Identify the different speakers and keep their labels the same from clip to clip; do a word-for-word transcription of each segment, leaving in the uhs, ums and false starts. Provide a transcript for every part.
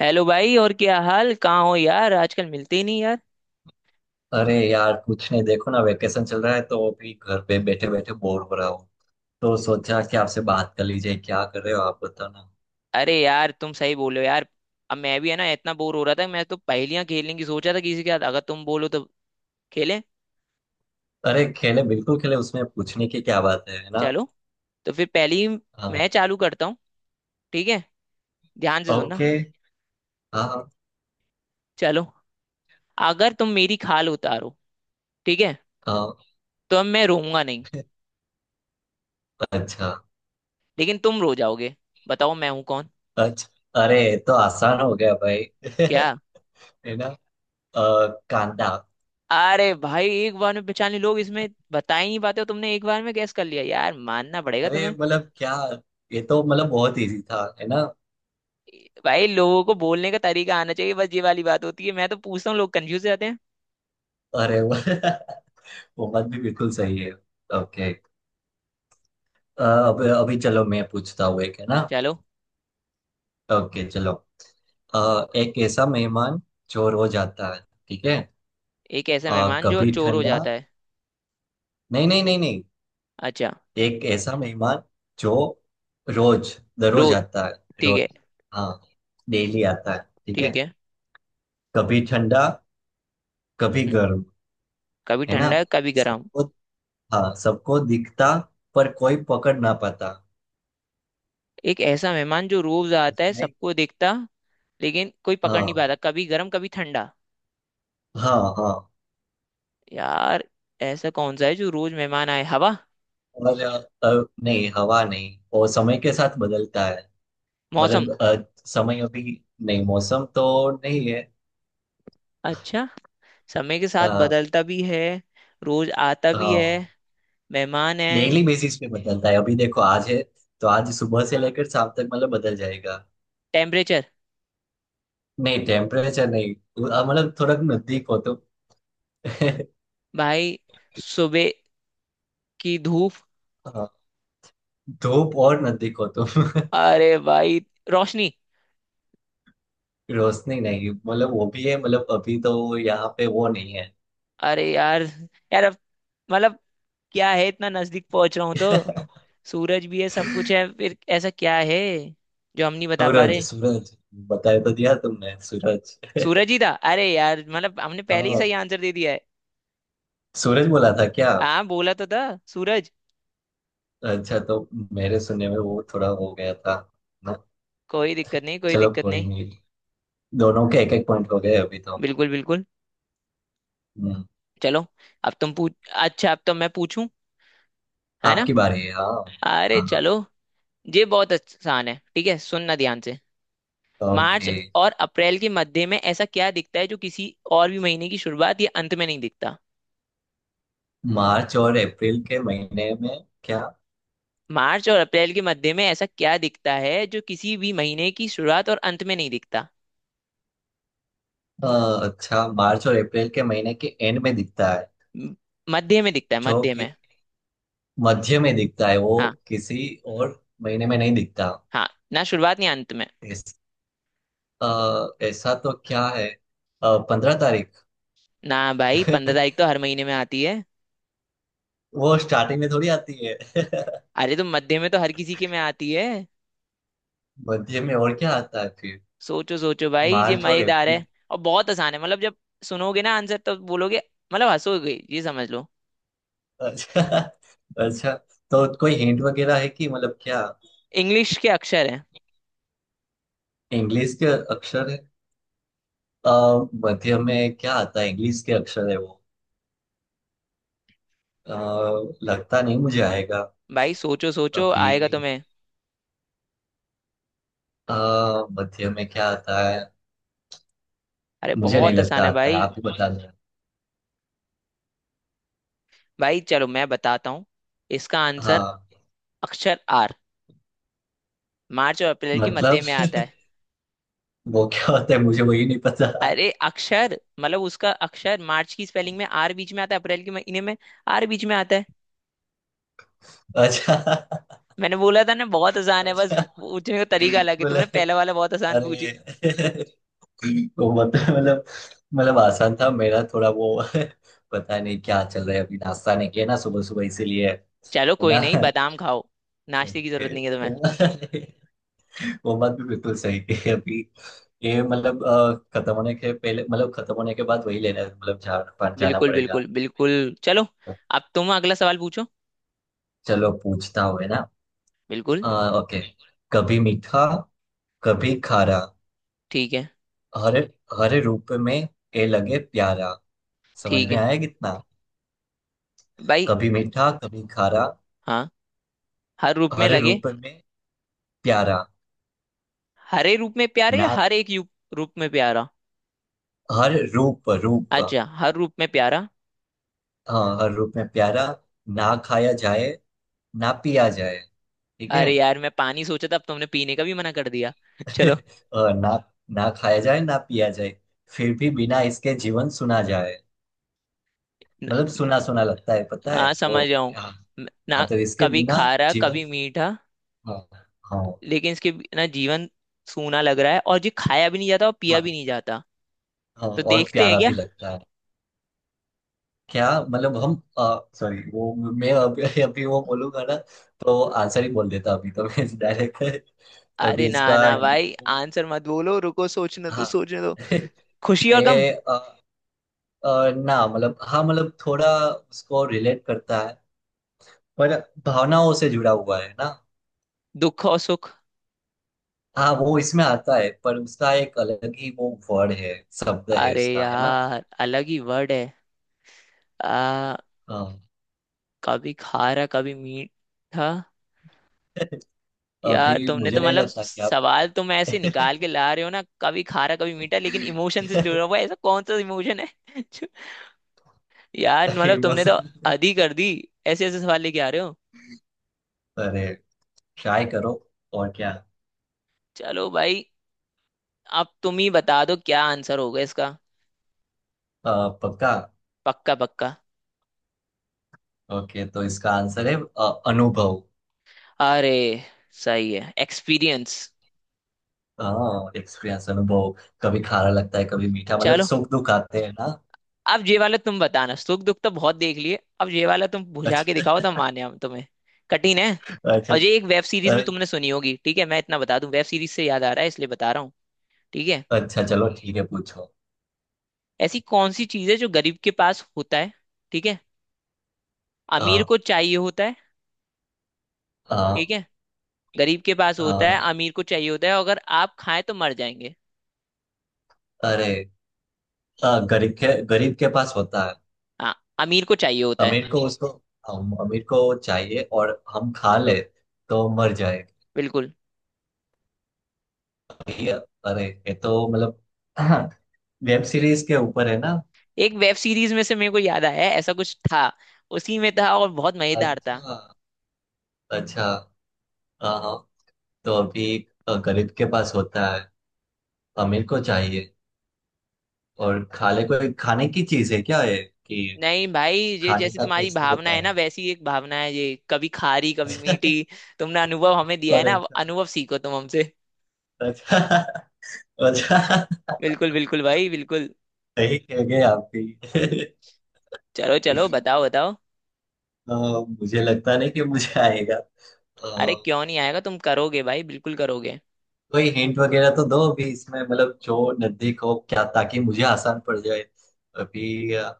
Speaker 1: Hello भाई। और क्या हाल, कहाँ हो यार? आजकल मिलते ही नहीं यार।
Speaker 2: अरे यार, कुछ नहीं, देखो ना वेकेशन चल रहा है तो अभी घर पे बैठे बैठे बोर हो रहा हूँ। तो सोचा कि आपसे बात कर लीजिए, क्या कर रहे हो आप, बताओ ना।
Speaker 1: अरे यार तुम सही बोलो यार। अब मैं भी है ना इतना बोर हो रहा था। मैं तो पहेलियां खेलने की सोचा था किसी के साथ। अगर तुम बोलो तो खेलें।
Speaker 2: अरे खेले, बिल्कुल खेले, उसमें पूछने की क्या बात है है ना।
Speaker 1: चलो तो फिर पहली
Speaker 2: हाँ।
Speaker 1: मैं चालू करता हूँ। ठीक है, ध्यान से सुनना।
Speaker 2: ओके। हाँ, हाँ।
Speaker 1: चलो, अगर तुम मेरी खाल उतारो, ठीक है,
Speaker 2: हाँ,
Speaker 1: तो अब मैं रोऊंगा नहीं
Speaker 2: अच्छा।
Speaker 1: लेकिन तुम रो जाओगे। बताओ मैं हूं कौन?
Speaker 2: अच्छा, अरे ये तो आसान हो गया भाई।
Speaker 1: क्या?
Speaker 2: है ना। अ, कांदा।
Speaker 1: अरे भाई एक बार में पहचान लिए। लोग इसमें बता ही नहीं पाते हो, तुमने एक बार में गैस कर लिया। यार मानना पड़ेगा
Speaker 2: अरे
Speaker 1: तुम्हें।
Speaker 2: मतलब क्या, ये तो मतलब बहुत इजी था, है ना।
Speaker 1: भाई लोगों को बोलने का तरीका आना चाहिए, बस ये वाली बात होती है। मैं तो पूछता हूँ, लोग कंफ्यूज हो जाते हैं।
Speaker 2: अरे, वो वो बात भी बिल्कुल सही है। ओके। अ, अब अभी चलो, मैं पूछता हूँ एक, है ना।
Speaker 1: चलो।
Speaker 2: ओके, चलो। अ, एक ऐसा मेहमान जो रोज आता है, ठीक है।
Speaker 1: एक ऐसा
Speaker 2: अ,
Speaker 1: मेहमान जो
Speaker 2: कभी
Speaker 1: चोर हो
Speaker 2: ठंडा,
Speaker 1: जाता है।
Speaker 2: नहीं, नहीं, नहीं, नहीं।
Speaker 1: अच्छा।
Speaker 2: एक ऐसा मेहमान जो रोज, दररोज
Speaker 1: रोज,
Speaker 2: आता है,
Speaker 1: ठीक
Speaker 2: रोज,
Speaker 1: है।
Speaker 2: हाँ, डेली आता है, ठीक है।
Speaker 1: ठीक है।
Speaker 2: कभी ठंडा कभी
Speaker 1: हम्म,
Speaker 2: गर्म,
Speaker 1: कभी
Speaker 2: है ना।
Speaker 1: ठंडा कभी गर्म।
Speaker 2: सबको, हाँ सबको दिखता, पर कोई पकड़ ना पाता।
Speaker 1: एक ऐसा मेहमान जो रोज
Speaker 2: समझ
Speaker 1: आता है,
Speaker 2: आई?
Speaker 1: सबको दिखता लेकिन कोई पकड़ नहीं
Speaker 2: हाँ,
Speaker 1: पाता, कभी गर्म कभी ठंडा।
Speaker 2: हाँ। हाँ,
Speaker 1: यार ऐसा कौन सा है जो रोज मेहमान आए? हवा?
Speaker 2: और अ, अ, नहीं हवा नहीं, वो समय के साथ बदलता है।
Speaker 1: मौसम?
Speaker 2: मतलब अ, समय, अभी नहीं मौसम तो नहीं है।
Speaker 1: अच्छा, समय के साथ
Speaker 2: अ,
Speaker 1: बदलता भी है, रोज आता भी है,
Speaker 2: हाँ,
Speaker 1: मेहमान है।
Speaker 2: डेली बेसिस पे बदलता है, अभी देखो आज है, तो आज सुबह से लेकर शाम तक मतलब बदल जाएगा।
Speaker 1: टेम्परेचर?
Speaker 2: नहीं टेम्परेचर नहीं, अ, मतलब थोड़ा नजदीक हो तो।
Speaker 1: भाई सुबह की धूप?
Speaker 2: हाँ, धूप, और नजदीक हो तो।
Speaker 1: अरे भाई रोशनी?
Speaker 2: रोशनी नहीं, मतलब वो भी है, मतलब अभी तो यहाँ पे वो नहीं है।
Speaker 1: अरे यार। यार अब मतलब क्या है, इतना नजदीक पहुंच रहा हूं तो सूरज भी है, सब कुछ है। फिर ऐसा क्या है जो हम नहीं बता पा
Speaker 2: सूरज,
Speaker 1: रहे?
Speaker 2: सूरज। बताया तो दिया तुमने सूरज।
Speaker 1: सूरज ही था। अरे यार मतलब हमने पहले ही
Speaker 2: हाँ,
Speaker 1: सही आंसर दे दिया है।
Speaker 2: सूरज बोला था क्या?
Speaker 1: हाँ बोला तो था, सूरज।
Speaker 2: अच्छा तो मेरे सुनने में वो थोड़ा हो गया था ना।
Speaker 1: कोई दिक्कत नहीं, कोई
Speaker 2: चलो
Speaker 1: दिक्कत
Speaker 2: कोई
Speaker 1: नहीं।
Speaker 2: नहीं, दोनों के एक एक पॉइंट हो गए अभी तो।
Speaker 1: बिल्कुल बिल्कुल।
Speaker 2: हम्म।
Speaker 1: चलो अब तुम पूछ। अच्छा अब तो मैं पूछूं, है ना?
Speaker 2: आपकी बारी है, हाँ।
Speaker 1: अरे
Speaker 2: हाँ।
Speaker 1: चलो। ये बहुत आसान है, ठीक है, सुनना ध्यान से।
Speaker 2: हाँ।
Speaker 1: March
Speaker 2: okay.
Speaker 1: और अप्रैल के मध्य में ऐसा क्या दिखता है जो किसी और भी महीने की शुरुआत या अंत में नहीं दिखता?
Speaker 2: मार्च और अप्रैल के महीने में? क्या?
Speaker 1: मार्च और अप्रैल के मध्य में ऐसा क्या दिखता है जो किसी भी महीने की शुरुआत और अंत में नहीं दिखता?
Speaker 2: अ, अच्छा, मार्च और अप्रैल के महीने के एंड में दिखता है,
Speaker 1: म- मध्य में दिखता है,
Speaker 2: जो
Speaker 1: मध्य
Speaker 2: कि
Speaker 1: में।
Speaker 2: मध्य में दिखता है वो
Speaker 1: हाँ।
Speaker 2: किसी और महीने में नहीं दिखता।
Speaker 1: हाँ, ना शुरुआत ना अंत में।
Speaker 2: इस, अ, ऐसा तो क्या है? पंद्रह तारीख।
Speaker 1: ना भाई, पंद्रह तारीख तो हर महीने में आती है।
Speaker 2: वो स्टार्टिंग में थोड़ी आती है।
Speaker 1: अरे तो मध्य में तो हर किसी के में आती है।
Speaker 2: मध्य में और क्या आता है फिर,
Speaker 1: सोचो सोचो भाई, ये
Speaker 2: मार्च और
Speaker 1: मजेदार है।
Speaker 2: अप्रैल।
Speaker 1: और बहुत आसान है, मतलब जब सुनोगे ना आंसर तो बोलोगे, मतलब हंसोगे ये समझ लो।
Speaker 2: अच्छा। अच्छा, तो कोई हिंट वगैरह है कि मतलब क्या?
Speaker 1: इंग्लिश के अक्षर है।
Speaker 2: इंग्लिश के अक्षर है? आ, मध्य में क्या आता है, इंग्लिश के अक्षर है वो? अ, लगता नहीं मुझे आएगा।
Speaker 1: भाई सोचो सोचो,
Speaker 2: अभी
Speaker 1: आएगा तुम्हें।
Speaker 2: अ, मध्य में क्या आता है?
Speaker 1: अरे
Speaker 2: मुझे नहीं
Speaker 1: बहुत आसान
Speaker 2: लगता
Speaker 1: है
Speaker 2: आता है,
Speaker 1: भाई।
Speaker 2: आप ही बता दो।
Speaker 1: भाई चलो मैं बताता हूँ इसका आंसर।
Speaker 2: हाँ।
Speaker 1: अक्षर आर मार्च और अप्रैल के
Speaker 2: मतलब,
Speaker 1: मध्य में आता है।
Speaker 2: वो क्या होता है मुझे वही नहीं पता।
Speaker 1: अरे अक्षर मतलब उसका अक्षर, मार्च की स्पेलिंग में आर बीच में आता है, अप्रैल के महीने में आर बीच में आता है।
Speaker 2: अच्छा।
Speaker 1: मैंने बोला था ना, बहुत आसान है, बस
Speaker 2: अच्छा,
Speaker 1: पूछने का तरीका अलग है।
Speaker 2: बोले,
Speaker 1: तुमने पहला वाला बहुत आसान
Speaker 2: अरे।
Speaker 1: पूछी।
Speaker 2: तो मतलब मतलब मतलब आसान था मेरा थोड़ा वो। पता नहीं क्या चल रहा है, अभी नाश्ता नहीं किया ना सुबह सुबह, इसीलिए। है
Speaker 1: चलो कोई
Speaker 2: ना।
Speaker 1: नहीं, बादाम खाओ, नाश्ते की जरूरत
Speaker 2: ओके,
Speaker 1: नहीं है
Speaker 2: तो
Speaker 1: तुम्हें।
Speaker 2: वो वो बात भी बिल्कुल सही है अभी। ये मतलब अ, खत्म होने के पहले, मतलब खत्म होने के बाद वही लेना है, मतलब जाना जाना
Speaker 1: बिल्कुल
Speaker 2: पड़ेगा।
Speaker 1: बिल्कुल बिल्कुल। चलो
Speaker 2: तो
Speaker 1: अब तुम अगला सवाल पूछो।
Speaker 2: चलो पूछता हूँ, है ना।
Speaker 1: बिल्कुल।
Speaker 2: अ, ओके। कभी मीठा कभी खारा,
Speaker 1: ठीक है।
Speaker 2: हर हर रूप में ए लगे प्यारा। समझ
Speaker 1: ठीक
Speaker 2: में
Speaker 1: है
Speaker 2: आया कितना?
Speaker 1: भाई।
Speaker 2: कभी मीठा कभी खारा,
Speaker 1: हाँ, हर रूप में
Speaker 2: हर
Speaker 1: लगे।
Speaker 2: रूप में प्यारा।
Speaker 1: हरे रूप में प्यारे या
Speaker 2: ना,
Speaker 1: हर एक यू- रूप में प्यारा?
Speaker 2: हर रूप रूप।
Speaker 1: अच्छा, हर रूप में प्यारा।
Speaker 2: हाँ, हर रूप में प्यारा। ना खाया जाए ना पिया जाए, ठीक है।
Speaker 1: अरे यार मैं पानी सोचा था, अब तुमने पीने का भी मना कर दिया। चलो।
Speaker 2: और ना, ना खाया जाए ना पिया जाए, फिर भी बिना इसके जीवन सुना जाए।
Speaker 1: न,
Speaker 2: मतलब सुना सुना लगता है, पता
Speaker 1: हाँ
Speaker 2: है वो।
Speaker 1: समझ जाऊं।
Speaker 2: हाँ।
Speaker 1: ना?
Speaker 2: हाँ, तो इसके
Speaker 1: कभी
Speaker 2: बिना
Speaker 1: खारा
Speaker 2: जीवन।
Speaker 1: कभी मीठा,
Speaker 2: हाँ। हाँ।
Speaker 1: लेकिन इसके भी- ना जीवन सूना लग रहा है और जो खाया भी नहीं जाता और पिया
Speaker 2: हाँ।
Speaker 1: भी नहीं जाता।
Speaker 2: हाँ,
Speaker 1: तो
Speaker 2: और
Speaker 1: देखते हैं
Speaker 2: प्यारा
Speaker 1: क्या।
Speaker 2: भी लगता है। क्या मतलब, हम, सॉरी, वो मैं अभी अभी वो बोलूंगा ना तो आंसर ही बोल देता अभी तो मैं डायरेक्ट।
Speaker 1: अरे
Speaker 2: अभी
Speaker 1: ना
Speaker 2: इसका।
Speaker 1: ना भाई, आंसर मत बोलो, रुको, सोचने दो
Speaker 2: हाँ।
Speaker 1: सोचने दो। खुशी और गम?
Speaker 2: ए, अ, अ, ना मतलब हाँ, मतलब थोड़ा उसको रिलेट करता है। पर भावनाओं से जुड़ा हुआ है ना।
Speaker 1: दुख और सुख?
Speaker 2: हाँ वो इसमें आता है, पर उसका एक अलग ही वो वर्ड है, शब्द है
Speaker 1: अरे
Speaker 2: उसका, है ना।
Speaker 1: यार अलग ही वर्ड है। आ।
Speaker 2: हाँ।
Speaker 1: कभी खारा कभी मीठा। यार
Speaker 2: अभी
Speaker 1: तुमने
Speaker 2: मुझे
Speaker 1: तो
Speaker 2: नहीं
Speaker 1: मतलब
Speaker 2: लगता कि आप।
Speaker 1: सवाल तुम ऐसे निकाल के ला रहे हो ना, कभी खारा कभी मीठा लेकिन इमोशन से जुड़ा हुआ है, ऐसा कौन सा इमोशन है? जो- यार मतलब तुमने तो
Speaker 2: इमोशन।
Speaker 1: हद ही कर दी, ऐसे ऐसे सवाल लेके आ रहे हो।
Speaker 2: अरे, ट्राई करो, और क्या।
Speaker 1: चलो भाई, अब तुम ही बता दो क्या आंसर होगा इसका।
Speaker 2: अ, पक्का।
Speaker 1: पक्का पक्का।
Speaker 2: ओके, तो इसका आंसर है अ, अनुभव।
Speaker 1: अरे सही है, एक्सपीरियंस।
Speaker 2: हाँ, एक्सपीरियंस है वो। कभी खारा लगता है कभी मीठा, मतलब
Speaker 1: चलो,
Speaker 2: सुख दुख आते हैं ना।
Speaker 1: अब ये वाला तुम बताना, सुख दुख तो बहुत देख लिए, अब ये वाला तुम बुझा के दिखाओ
Speaker 2: अच्छा।
Speaker 1: तो माने हम तुम्हें। कठिन है।
Speaker 2: अच्छा।
Speaker 1: और ये एक वेब सीरीज में
Speaker 2: अरे,
Speaker 1: तुमने सुनी होगी। ठीक है, मैं इतना बता दूं, वेब सीरीज से याद आ रहा है इसलिए बता रहा हूँ। ठीक है।
Speaker 2: अच्छा चलो ठीक है, पूछो।
Speaker 1: ऐसी कौन सी चीज है जो गरीब के पास होता है, ठीक है,
Speaker 2: आ,
Speaker 1: अमीर को चाहिए होता है,
Speaker 2: आ,
Speaker 1: ठीक है। गरीब के पास होता
Speaker 2: आ,
Speaker 1: है, अमीर को चाहिए होता है, अगर आप खाएं तो मर जाएंगे।
Speaker 2: अरे, आ, गरीब के गरीब के पास होता है।
Speaker 1: हाँ। अमीर को चाहिए होता है।
Speaker 2: अमीर को, उसको। हम, अमीर को चाहिए और हम खा ले तो मर जाए।
Speaker 1: बिल्कुल।
Speaker 2: ये- अरे ये तो मतलब वेब सीरीज के ऊपर है ना।
Speaker 1: एक वेब सीरीज में से मेरे को याद आया, ऐसा कुछ था। उसी में था और बहुत मजेदार था।
Speaker 2: अच्छा। अच्छा। हाँ। हाँ, तो अभी अ, गरीब के पास होता है, अमीर को चाहिए, और खाने को, खाने की चीज है क्या है कि।
Speaker 1: नहीं भाई, ये
Speaker 2: खाने
Speaker 1: जैसी
Speaker 2: का तो
Speaker 1: तुम्हारी
Speaker 2: ऐसे ही
Speaker 1: भावना है ना,
Speaker 2: बताया।
Speaker 1: वैसी एक भावना है ये, कभी खारी कभी मीठी। तुमने अनुभव हमें दिया है
Speaker 2: और
Speaker 1: ना, अब
Speaker 2: अच्छा।
Speaker 1: अनुभव सीखो तुम हमसे।
Speaker 2: अच्छा। अच्छा,
Speaker 1: बिल्कुल बिल्कुल भाई बिल्कुल।
Speaker 2: सही कह गए आप भी।
Speaker 1: चलो चलो, बताओ बताओ।
Speaker 2: अ, मुझे लगता नहीं कि मुझे आएगा।
Speaker 1: अरे
Speaker 2: अ,
Speaker 1: क्यों नहीं आएगा, तुम करोगे भाई, बिल्कुल करोगे।
Speaker 2: कोई हिंट वगैरह तो दो अभी इसमें, मतलब जो नजदीक हो क्या, ताकि मुझे आसान पड़ जाए अभी। अ,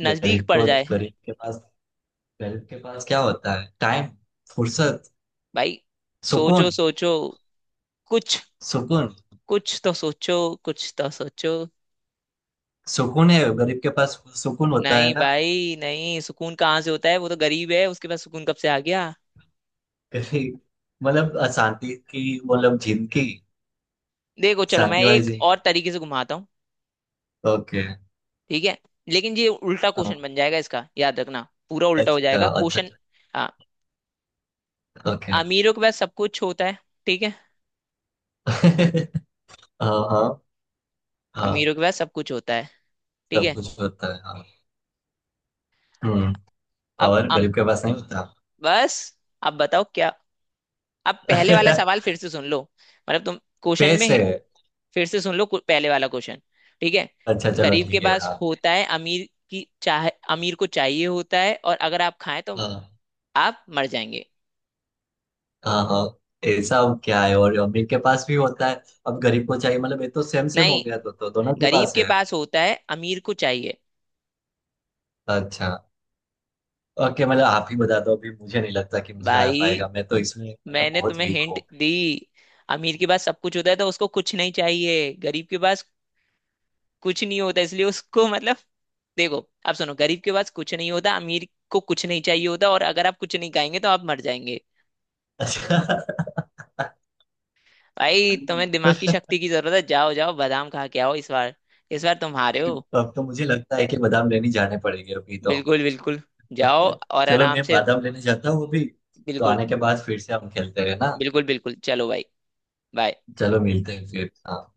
Speaker 1: नजदीक
Speaker 2: गरीब
Speaker 1: पड़
Speaker 2: को,
Speaker 1: जाए।
Speaker 2: गरीब के पास गरीब के पास क्या होता है? टाइम, फुर्सत,
Speaker 1: भाई सोचो
Speaker 2: सुकून।
Speaker 1: सोचो कुछ,
Speaker 2: सुकून।
Speaker 1: कुछ तो सोचो, कुछ तो सोचो।
Speaker 2: सुकून है, गरीब के पास सुकून होता है
Speaker 1: नहीं
Speaker 2: ना।
Speaker 1: भाई नहीं, सुकून कहाँ से होता है, वो तो गरीब है, उसके पास सुकून कब से आ गया?
Speaker 2: कभी मतलब अशांति की, मतलब जिंदगी।
Speaker 1: देखो चलो मैं
Speaker 2: शांति वाली
Speaker 1: एक और
Speaker 2: जिंदगी।
Speaker 1: तरीके से घुमाता हूँ।
Speaker 2: ओके।
Speaker 1: ठीक है, लेकिन ये उल्टा क्वेश्चन
Speaker 2: हाँ।
Speaker 1: बन जाएगा इसका, याद रखना। पूरा उल्टा
Speaker 2: अच्छा।
Speaker 1: हो जाएगा
Speaker 2: अच्छा।
Speaker 1: क्वेश्चन।
Speaker 2: अच्छा।
Speaker 1: हाँ।
Speaker 2: ओके।
Speaker 1: अमीरों के पास सब कुछ होता है, ठीक है।
Speaker 2: हाँ, हाँ। हाँ,
Speaker 1: अमीरों के पास सब कुछ होता है, ठीक
Speaker 2: सब
Speaker 1: है।
Speaker 2: कुछ होता है, हाँ। हम्म।
Speaker 1: अब
Speaker 2: और
Speaker 1: अम,
Speaker 2: गरीब के पास नहीं होता।
Speaker 1: बस। अब बताओ क्या। अब पहले वाला सवाल फिर से सुन लो। मतलब तुम क्वेश्चन में
Speaker 2: पैसे।
Speaker 1: है- फिर से सुन लो, कु- पहले वाला क्वेश्चन, ठीक है।
Speaker 2: अच्छा चलो
Speaker 1: गरीब के
Speaker 2: ठीक है,
Speaker 1: पास
Speaker 2: हाँ।
Speaker 1: होता है, अमीर की चाह, अमीर को चाहिए होता है, और अगर आप खाएं तो
Speaker 2: हाँ।
Speaker 1: आप मर जाएंगे।
Speaker 2: हाँ। हाँ, ऐसा अब क्या है, और अमीर के पास भी होता है, अब गरीब को चाहिए, मतलब ये तो सेम सेम हो
Speaker 1: नहीं,
Speaker 2: गया, तो, तो दोनों के
Speaker 1: गरीब
Speaker 2: पास
Speaker 1: के
Speaker 2: है।
Speaker 1: पास होता है, अमीर को चाहिए।
Speaker 2: अच्छा। ओके, मतलब आप ही बता दो अभी, मुझे नहीं लगता कि मुझे आ
Speaker 1: भाई
Speaker 2: पाएगा, मैं तो इसमें मतलब
Speaker 1: मैंने
Speaker 2: बहुत
Speaker 1: तुम्हें
Speaker 2: वीक
Speaker 1: हिंट
Speaker 2: हूँ।
Speaker 1: दी। अमीर के पास सब कुछ होता है तो उसको कुछ नहीं चाहिए, गरीब के पास कुछ नहीं होता इसलिए उसको मतलब, देखो, आप सुनो, गरीब के पास कुछ नहीं होता, अमीर को कुछ नहीं चाहिए होता, और अगर आप कुछ नहीं खाएंगे तो आप मर जाएंगे।
Speaker 2: अच्छा।
Speaker 1: भाई तुम्हें दिमाग की शक्ति की जरूरत है, जाओ जाओ बादाम खा के आओ इस बार। इस बार तुम हारे हो।
Speaker 2: तो अब तो मुझे लगता है कि बादाम लेने जाने पड़ेंगे अभी तो।
Speaker 1: बिल्कुल बिल्कुल। जाओ और
Speaker 2: चलो
Speaker 1: आराम
Speaker 2: मैं
Speaker 1: से।
Speaker 2: बादाम लेने जाता हूँ अभी। तो
Speaker 1: बिल्कुल
Speaker 2: आने के बाद फिर से हम खेलते हैं ना।
Speaker 1: बिल्कुल बिल्कुल। चलो भाई, बाय।
Speaker 2: चलो मिलते हैं फिर, हाँ।